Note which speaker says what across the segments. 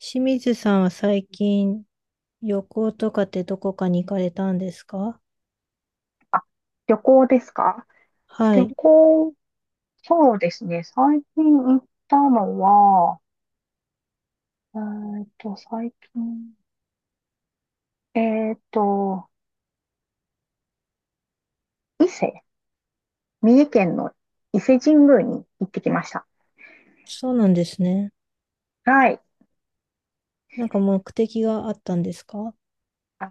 Speaker 1: 清水さんは最近旅行とかってどこかに行かれたんですか？
Speaker 2: 旅行ですか？
Speaker 1: は
Speaker 2: 旅
Speaker 1: い。
Speaker 2: 行、そうですね。最近行ったのは、えーっと、最近、えーっと、伊勢、三重県の伊勢神宮に行ってきました。
Speaker 1: そうなんですね。
Speaker 2: はい。
Speaker 1: なんか目的があったんですか？
Speaker 2: あ、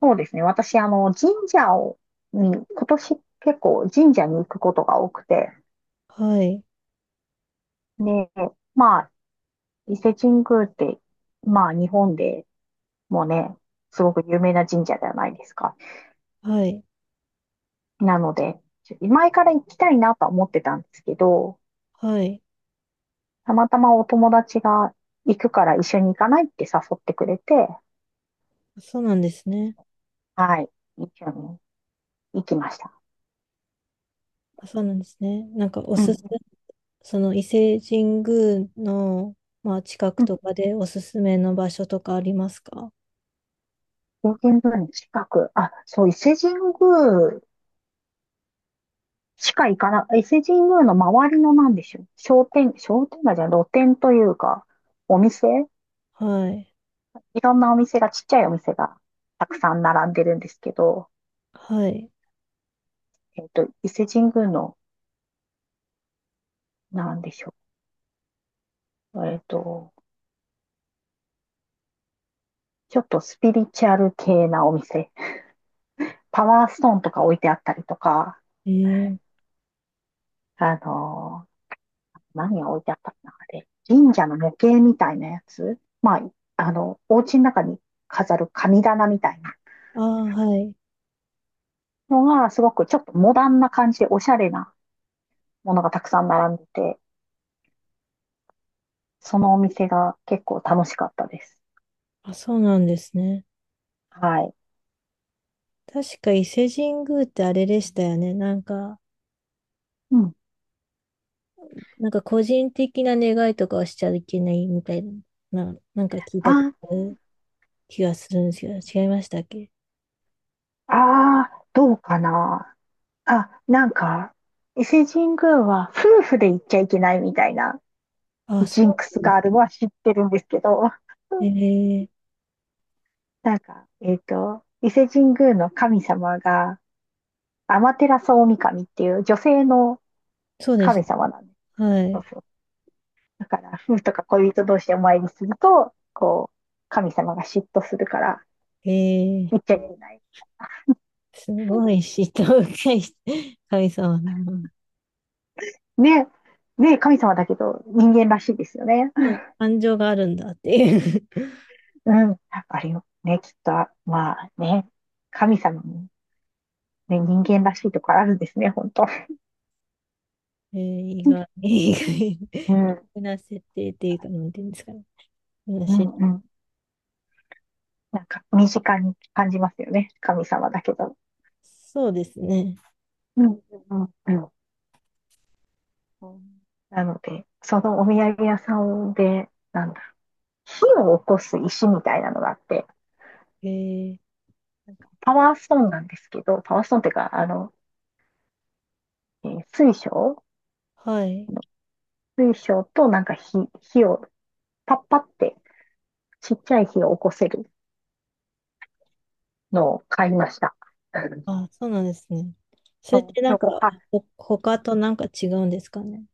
Speaker 2: そうですね。私、神社を、に、今年結構神社に行くことが多くて、
Speaker 1: はい。
Speaker 2: ね、まあ、伊勢神宮って、まあ、日本でもね、すごく有名な神社じゃないですか。
Speaker 1: はい。
Speaker 2: なので、前から行きたいなとは思ってたんですけど、
Speaker 1: はい。
Speaker 2: たまたまお友達が行くから一緒に行かないって誘ってくれて、
Speaker 1: そうなんですね。
Speaker 2: はい、一緒に行きました。
Speaker 1: あ、そうなんですね。なんかお
Speaker 2: う
Speaker 1: す
Speaker 2: ん。
Speaker 1: す、その伊勢神宮の、まあ、近く
Speaker 2: うん。
Speaker 1: とかでおすすめの場所とかありますか？
Speaker 2: 表現部の近く、あ、そう、伊勢神宮しか行かな、伊勢神宮の周りのなんでしょう。商店街じゃない露店というか、お店
Speaker 1: はい。
Speaker 2: いろんなお店が、ちっちゃいお店がたくさん並んでるんですけど、
Speaker 1: はい。
Speaker 2: 伊勢神宮の、なんでしょう。ちょっとスピリチュアル系なお店。パワーストーンとか置いてあったりとか、
Speaker 1: えー、
Speaker 2: あのー何が置いてあったかなあれ。神社の模型みたいなやつ。まあ、お家の中に飾る神棚みたいな
Speaker 1: ああ、はい。
Speaker 2: のが、すごくちょっとモダンな感じでおしゃれなものがたくさん並んでて、そのお店が結構楽しかったです。
Speaker 1: あ、そうなんですね。
Speaker 2: はい。
Speaker 1: 確か伊勢神宮ってあれでしたよね。なんか、
Speaker 2: うん。
Speaker 1: なんか個人的な願いとかはしちゃいけないみたいな、なんか聞いたこと
Speaker 2: あ、
Speaker 1: ある気がするんですけど、違いましたっけ？
Speaker 2: あ、どうかな。あ、なんか、伊勢神宮は夫婦で行っちゃいけないみたいな
Speaker 1: あ、そ
Speaker 2: ジンク
Speaker 1: う
Speaker 2: ス
Speaker 1: なんで
Speaker 2: があ
Speaker 1: す。
Speaker 2: るのは知ってるんですけど、
Speaker 1: ええ、
Speaker 2: なんか、伊勢神宮の神様が、アマテラスオオミカミっていう女性の
Speaker 1: そうで
Speaker 2: 神
Speaker 1: す。
Speaker 2: 様なんです。
Speaker 1: は
Speaker 2: そう
Speaker 1: い。
Speaker 2: そう。だから、夫婦とか恋人同士でお参りすると、こう、神様が嫉妬するから、
Speaker 1: ええ、
Speaker 2: 言っちゃいけない。
Speaker 1: すごい嫉妬深い神様だな。
Speaker 2: ね、ね、神様だけど、人間らしいですよね。
Speaker 1: そう、感情があるんだっていう。
Speaker 2: うん、やっぱりね、きっと、まあね、神様も、ね、人間らしいところあるんですね、本当。
Speaker 1: ええ、意
Speaker 2: う
Speaker 1: 外
Speaker 2: ん、
Speaker 1: な設定っていうか、なんていうんですかね。
Speaker 2: う
Speaker 1: 話、
Speaker 2: ん、うん。なんか身近に感じますよね。神様だけど。
Speaker 1: そうですね。
Speaker 2: うん、うん、うん。なので、そのお土産屋さんで、なんだ火を起こす石みたいなのがあって、
Speaker 1: ええ、
Speaker 2: なんかパワーストーンなんですけど、パワーストーンっていうか、えー水晶
Speaker 1: はい。
Speaker 2: 水晶となんか火をパッパってちっちゃい火を起こせるのを買いました。うん
Speaker 1: あ、そうなんですね。それっ
Speaker 2: そ
Speaker 1: てなんか、
Speaker 2: う、はい。
Speaker 1: 他となんか違うんですかね。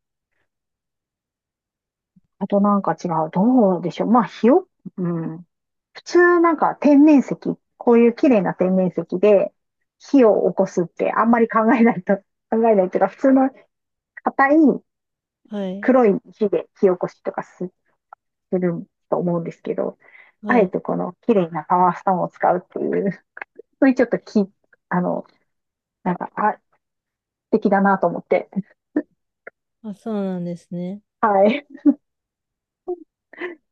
Speaker 2: あとなんか違う。どうでしょう。まあ、火を、うん。普通なんか天然石、こういう綺麗な天然石で火を起こすってあんまり考えないと、考えないっていうか、普通の硬い
Speaker 1: はい。
Speaker 2: 黒い石で火起こしとかすると思うんですけど、あ
Speaker 1: は
Speaker 2: え
Speaker 1: い。
Speaker 2: てこの綺麗なパワーストーンを使うっていう、そういうちょっとき、あの、なんか、あ、素敵だなと思って、
Speaker 1: あ、そうなんですね。
Speaker 2: はい、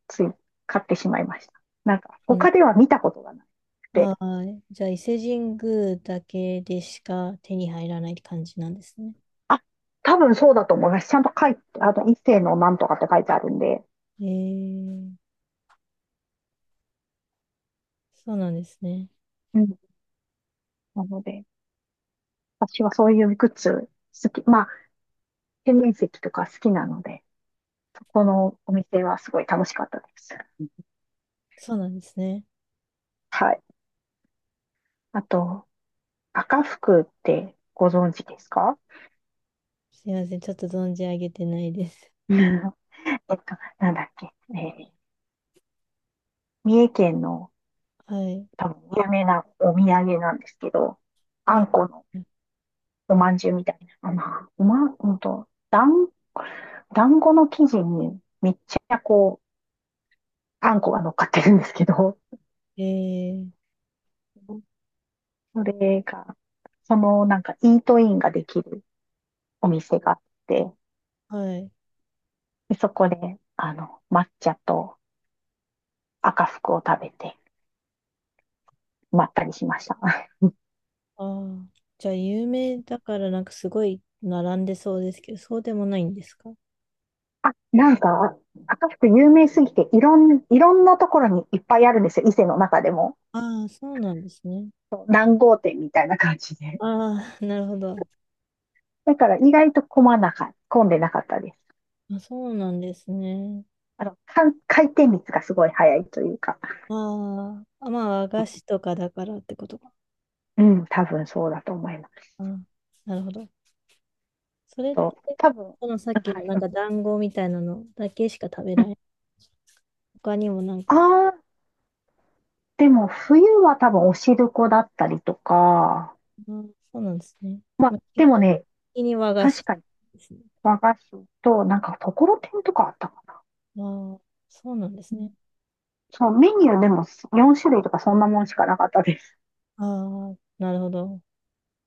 Speaker 2: つい買ってしまいました。なんか、
Speaker 1: うん。
Speaker 2: 他では見たことがなくて、
Speaker 1: ああ、じゃあ伊勢神宮だけでしか手に入らないって感じなんですね。
Speaker 2: あ、多分そうだと思います。ちゃんと書いて、あと一世のなんとかって書いてあるんで、
Speaker 1: ええ、そうなんですね。
Speaker 2: なので、私はそういうグッズ好き、まあ、天然石とか好きなので、そこのお店はすごい楽しかったです。
Speaker 1: そうなんですね。
Speaker 2: はい。あと、赤福ってご存知ですか？
Speaker 1: すいません。ちょっと存じ上げてないです。
Speaker 2: うん。えっと、なんだっけ、三重県の
Speaker 1: はい。
Speaker 2: 多分有名なお土産なんですけど、あ
Speaker 1: あ、
Speaker 2: んこのおまんじゅうみたいな、まあ、おまん、うんと、団、団子の生地にめっちゃこう、あんこが乗っかってるんですけど、
Speaker 1: ええ、
Speaker 2: それが、そのなんかイートインができるお店があって、
Speaker 1: はい。
Speaker 2: でそこで、抹茶と赤福を食べて、まったりしました。
Speaker 1: ああ、じゃあ有名だからなんかすごい並んでそうですけど、そうでもないんですか？
Speaker 2: あ、なんか、赤福有名すぎて、いろんなところにいっぱいあるんですよ。伊勢の中でも。
Speaker 1: ああ、そうなんですね。
Speaker 2: そう何号店みたいな感じで。
Speaker 1: ああ、なるほど。
Speaker 2: だから意外と混んでなかったです。
Speaker 1: あ、そうなんですね。
Speaker 2: 回転率がすごい早いというか。
Speaker 1: ああ、あ、まあ、和菓子とかだからってことか。
Speaker 2: うん、多分そうだと思います。
Speaker 1: ああ、なるほど。それっ
Speaker 2: と、
Speaker 1: て、
Speaker 2: 多分、
Speaker 1: そのさっき
Speaker 2: は
Speaker 1: の
Speaker 2: い。
Speaker 1: なん
Speaker 2: うん、
Speaker 1: か団子みたいなのだけしか食べ
Speaker 2: う
Speaker 1: られ
Speaker 2: ん。
Speaker 1: ない。他にもなんか、
Speaker 2: あ、でも、冬は多分おしるこだったりとか、
Speaker 1: ああ、そうなんですね。
Speaker 2: ま
Speaker 1: ま
Speaker 2: あ、
Speaker 1: あ、基
Speaker 2: でも
Speaker 1: 本
Speaker 2: ね、
Speaker 1: 的に和菓子
Speaker 2: 確かに
Speaker 1: ですね。
Speaker 2: 和菓子と、なんか、ところてんとかあったかな。
Speaker 1: ああ、そうなんです
Speaker 2: う
Speaker 1: ね。
Speaker 2: んそう、メニューでも4種類とかそんなもんしかなかったです。
Speaker 1: ああ、なるほど。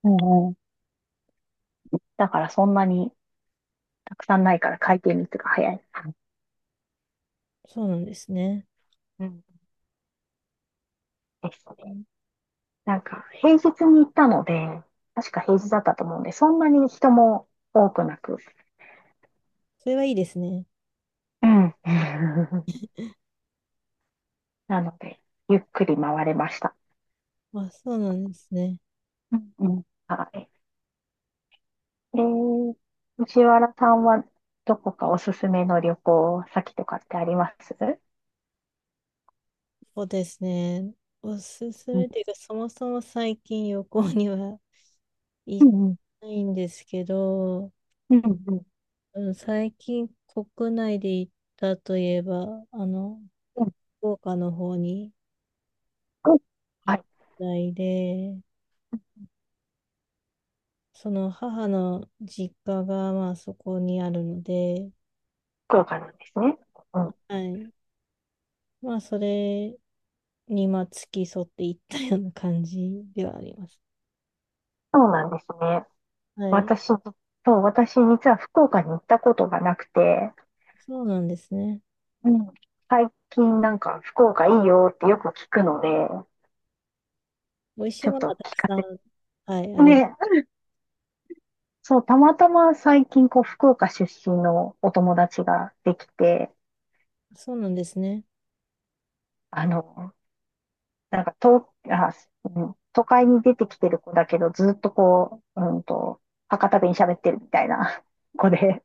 Speaker 2: うん、うん。だからそんなにたくさんないから回転率が早い
Speaker 1: そうなんですね。
Speaker 2: うんですね。なんか、平日に行ったので、確か平日だったと思うんで、そんなに人も多くなく、
Speaker 1: それはいいですね。
Speaker 2: うん。なので、ゆっくり回れました。
Speaker 1: あ、そうなんですね。
Speaker 2: うん、うん。はい。えー、藤原さんはどこかおすすめの旅行先とかってあります
Speaker 1: そうですね。おすす
Speaker 2: う
Speaker 1: め
Speaker 2: ん、
Speaker 1: っていうか、そもそも最近旅行には
Speaker 2: う
Speaker 1: 行っ
Speaker 2: ん、
Speaker 1: てないんですけど、
Speaker 2: うん、うん、うん、
Speaker 1: うん、最近国内で行ったといえば、あの、
Speaker 2: うん。
Speaker 1: 福岡の方に
Speaker 2: 福
Speaker 1: 行っ
Speaker 2: あ、
Speaker 1: たりで、その母の実家がまあそこにあるので、
Speaker 2: 福岡なんですね。うん、
Speaker 1: はい。まあそれにまあ付き添って行ったような感じではあります。
Speaker 2: そうなんですね。
Speaker 1: はい。
Speaker 2: 私、そう、私実は福岡に行ったことがなくて、
Speaker 1: そうなんですね。
Speaker 2: うん、最近なんか福岡いいよってよく聞くので、
Speaker 1: 美味しい
Speaker 2: ちょっ
Speaker 1: ものは
Speaker 2: と
Speaker 1: たく
Speaker 2: 聞か
Speaker 1: さん、
Speaker 2: せて。
Speaker 1: はい、あります。
Speaker 2: ね、そう、たまたま最近こう福岡出身のお友達ができて、
Speaker 1: そうなんですね。
Speaker 2: あの、なんか、うん、都会に出てきてる子だけど、ずっとこう、博多弁喋ってるみたいな 子で、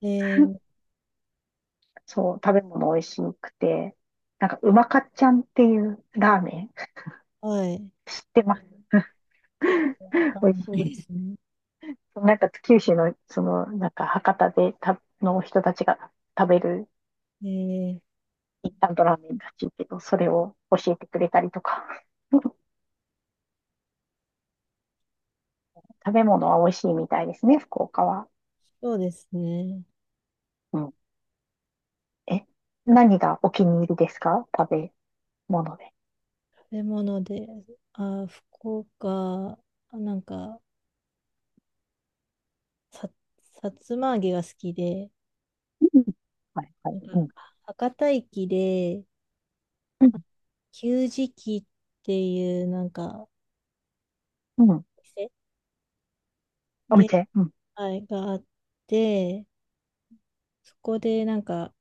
Speaker 1: えー、
Speaker 2: そう、食べ物美味しくて、なんか、うまかっちゃんっていうラーメン
Speaker 1: はい。
Speaker 2: 知ってます？
Speaker 1: ちょっ とわから
Speaker 2: 美味
Speaker 1: な
Speaker 2: しい。
Speaker 1: いですね。
Speaker 2: なんか、九州の、その、なんか、博多でた、の人たちが食べる
Speaker 1: えー、
Speaker 2: インスタントラーメンらしいけど、それを教えてくれたりとか、食べ物は美味しいみたいですね、福岡は。
Speaker 1: そうですね。
Speaker 2: うん。え、何がお気に入りですか？食べもので。
Speaker 1: 食べ物で、あー、福岡、あ、なんか、さ、さつま揚げが好きで、
Speaker 2: うん。はい、は
Speaker 1: な
Speaker 2: い。う
Speaker 1: んか、
Speaker 2: ん。
Speaker 1: 博多駅で、
Speaker 2: うん、
Speaker 1: 給食器っていう、なんか、
Speaker 2: うん。
Speaker 1: 店
Speaker 2: お
Speaker 1: で、
Speaker 2: 店。うん。
Speaker 1: はい、があって、そこで、なんか、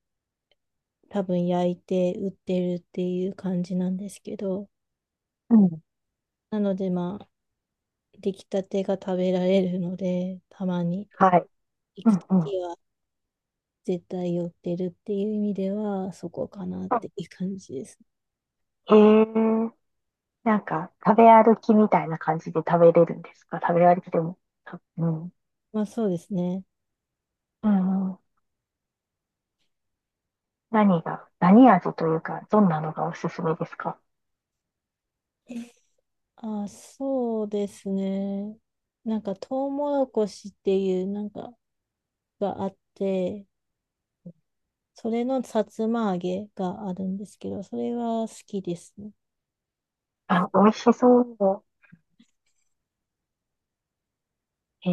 Speaker 1: 多分焼いて売ってるっていう感じなんですけど、
Speaker 2: うん。
Speaker 1: なので、まあ、出来たてが食べられるので、たまに
Speaker 2: はい。
Speaker 1: 行
Speaker 2: う
Speaker 1: く
Speaker 2: ん、
Speaker 1: と
Speaker 2: うん。
Speaker 1: きは絶対寄ってるっていう意味では、そこかなっ
Speaker 2: あ、
Speaker 1: ていう感じです。
Speaker 2: へえ。なんか、食べ歩きみたいな感じで食べれるんですか？食べ歩きでも。うん。
Speaker 1: まあそうですね。
Speaker 2: うん、うん。何味というか、どんなのがおすすめですか？
Speaker 1: あ、そうですね。なんかトウモロコシっていうなんかがあって、それのさつま揚げがあるんですけど、それは好きですね。
Speaker 2: あ、美味しそう。へ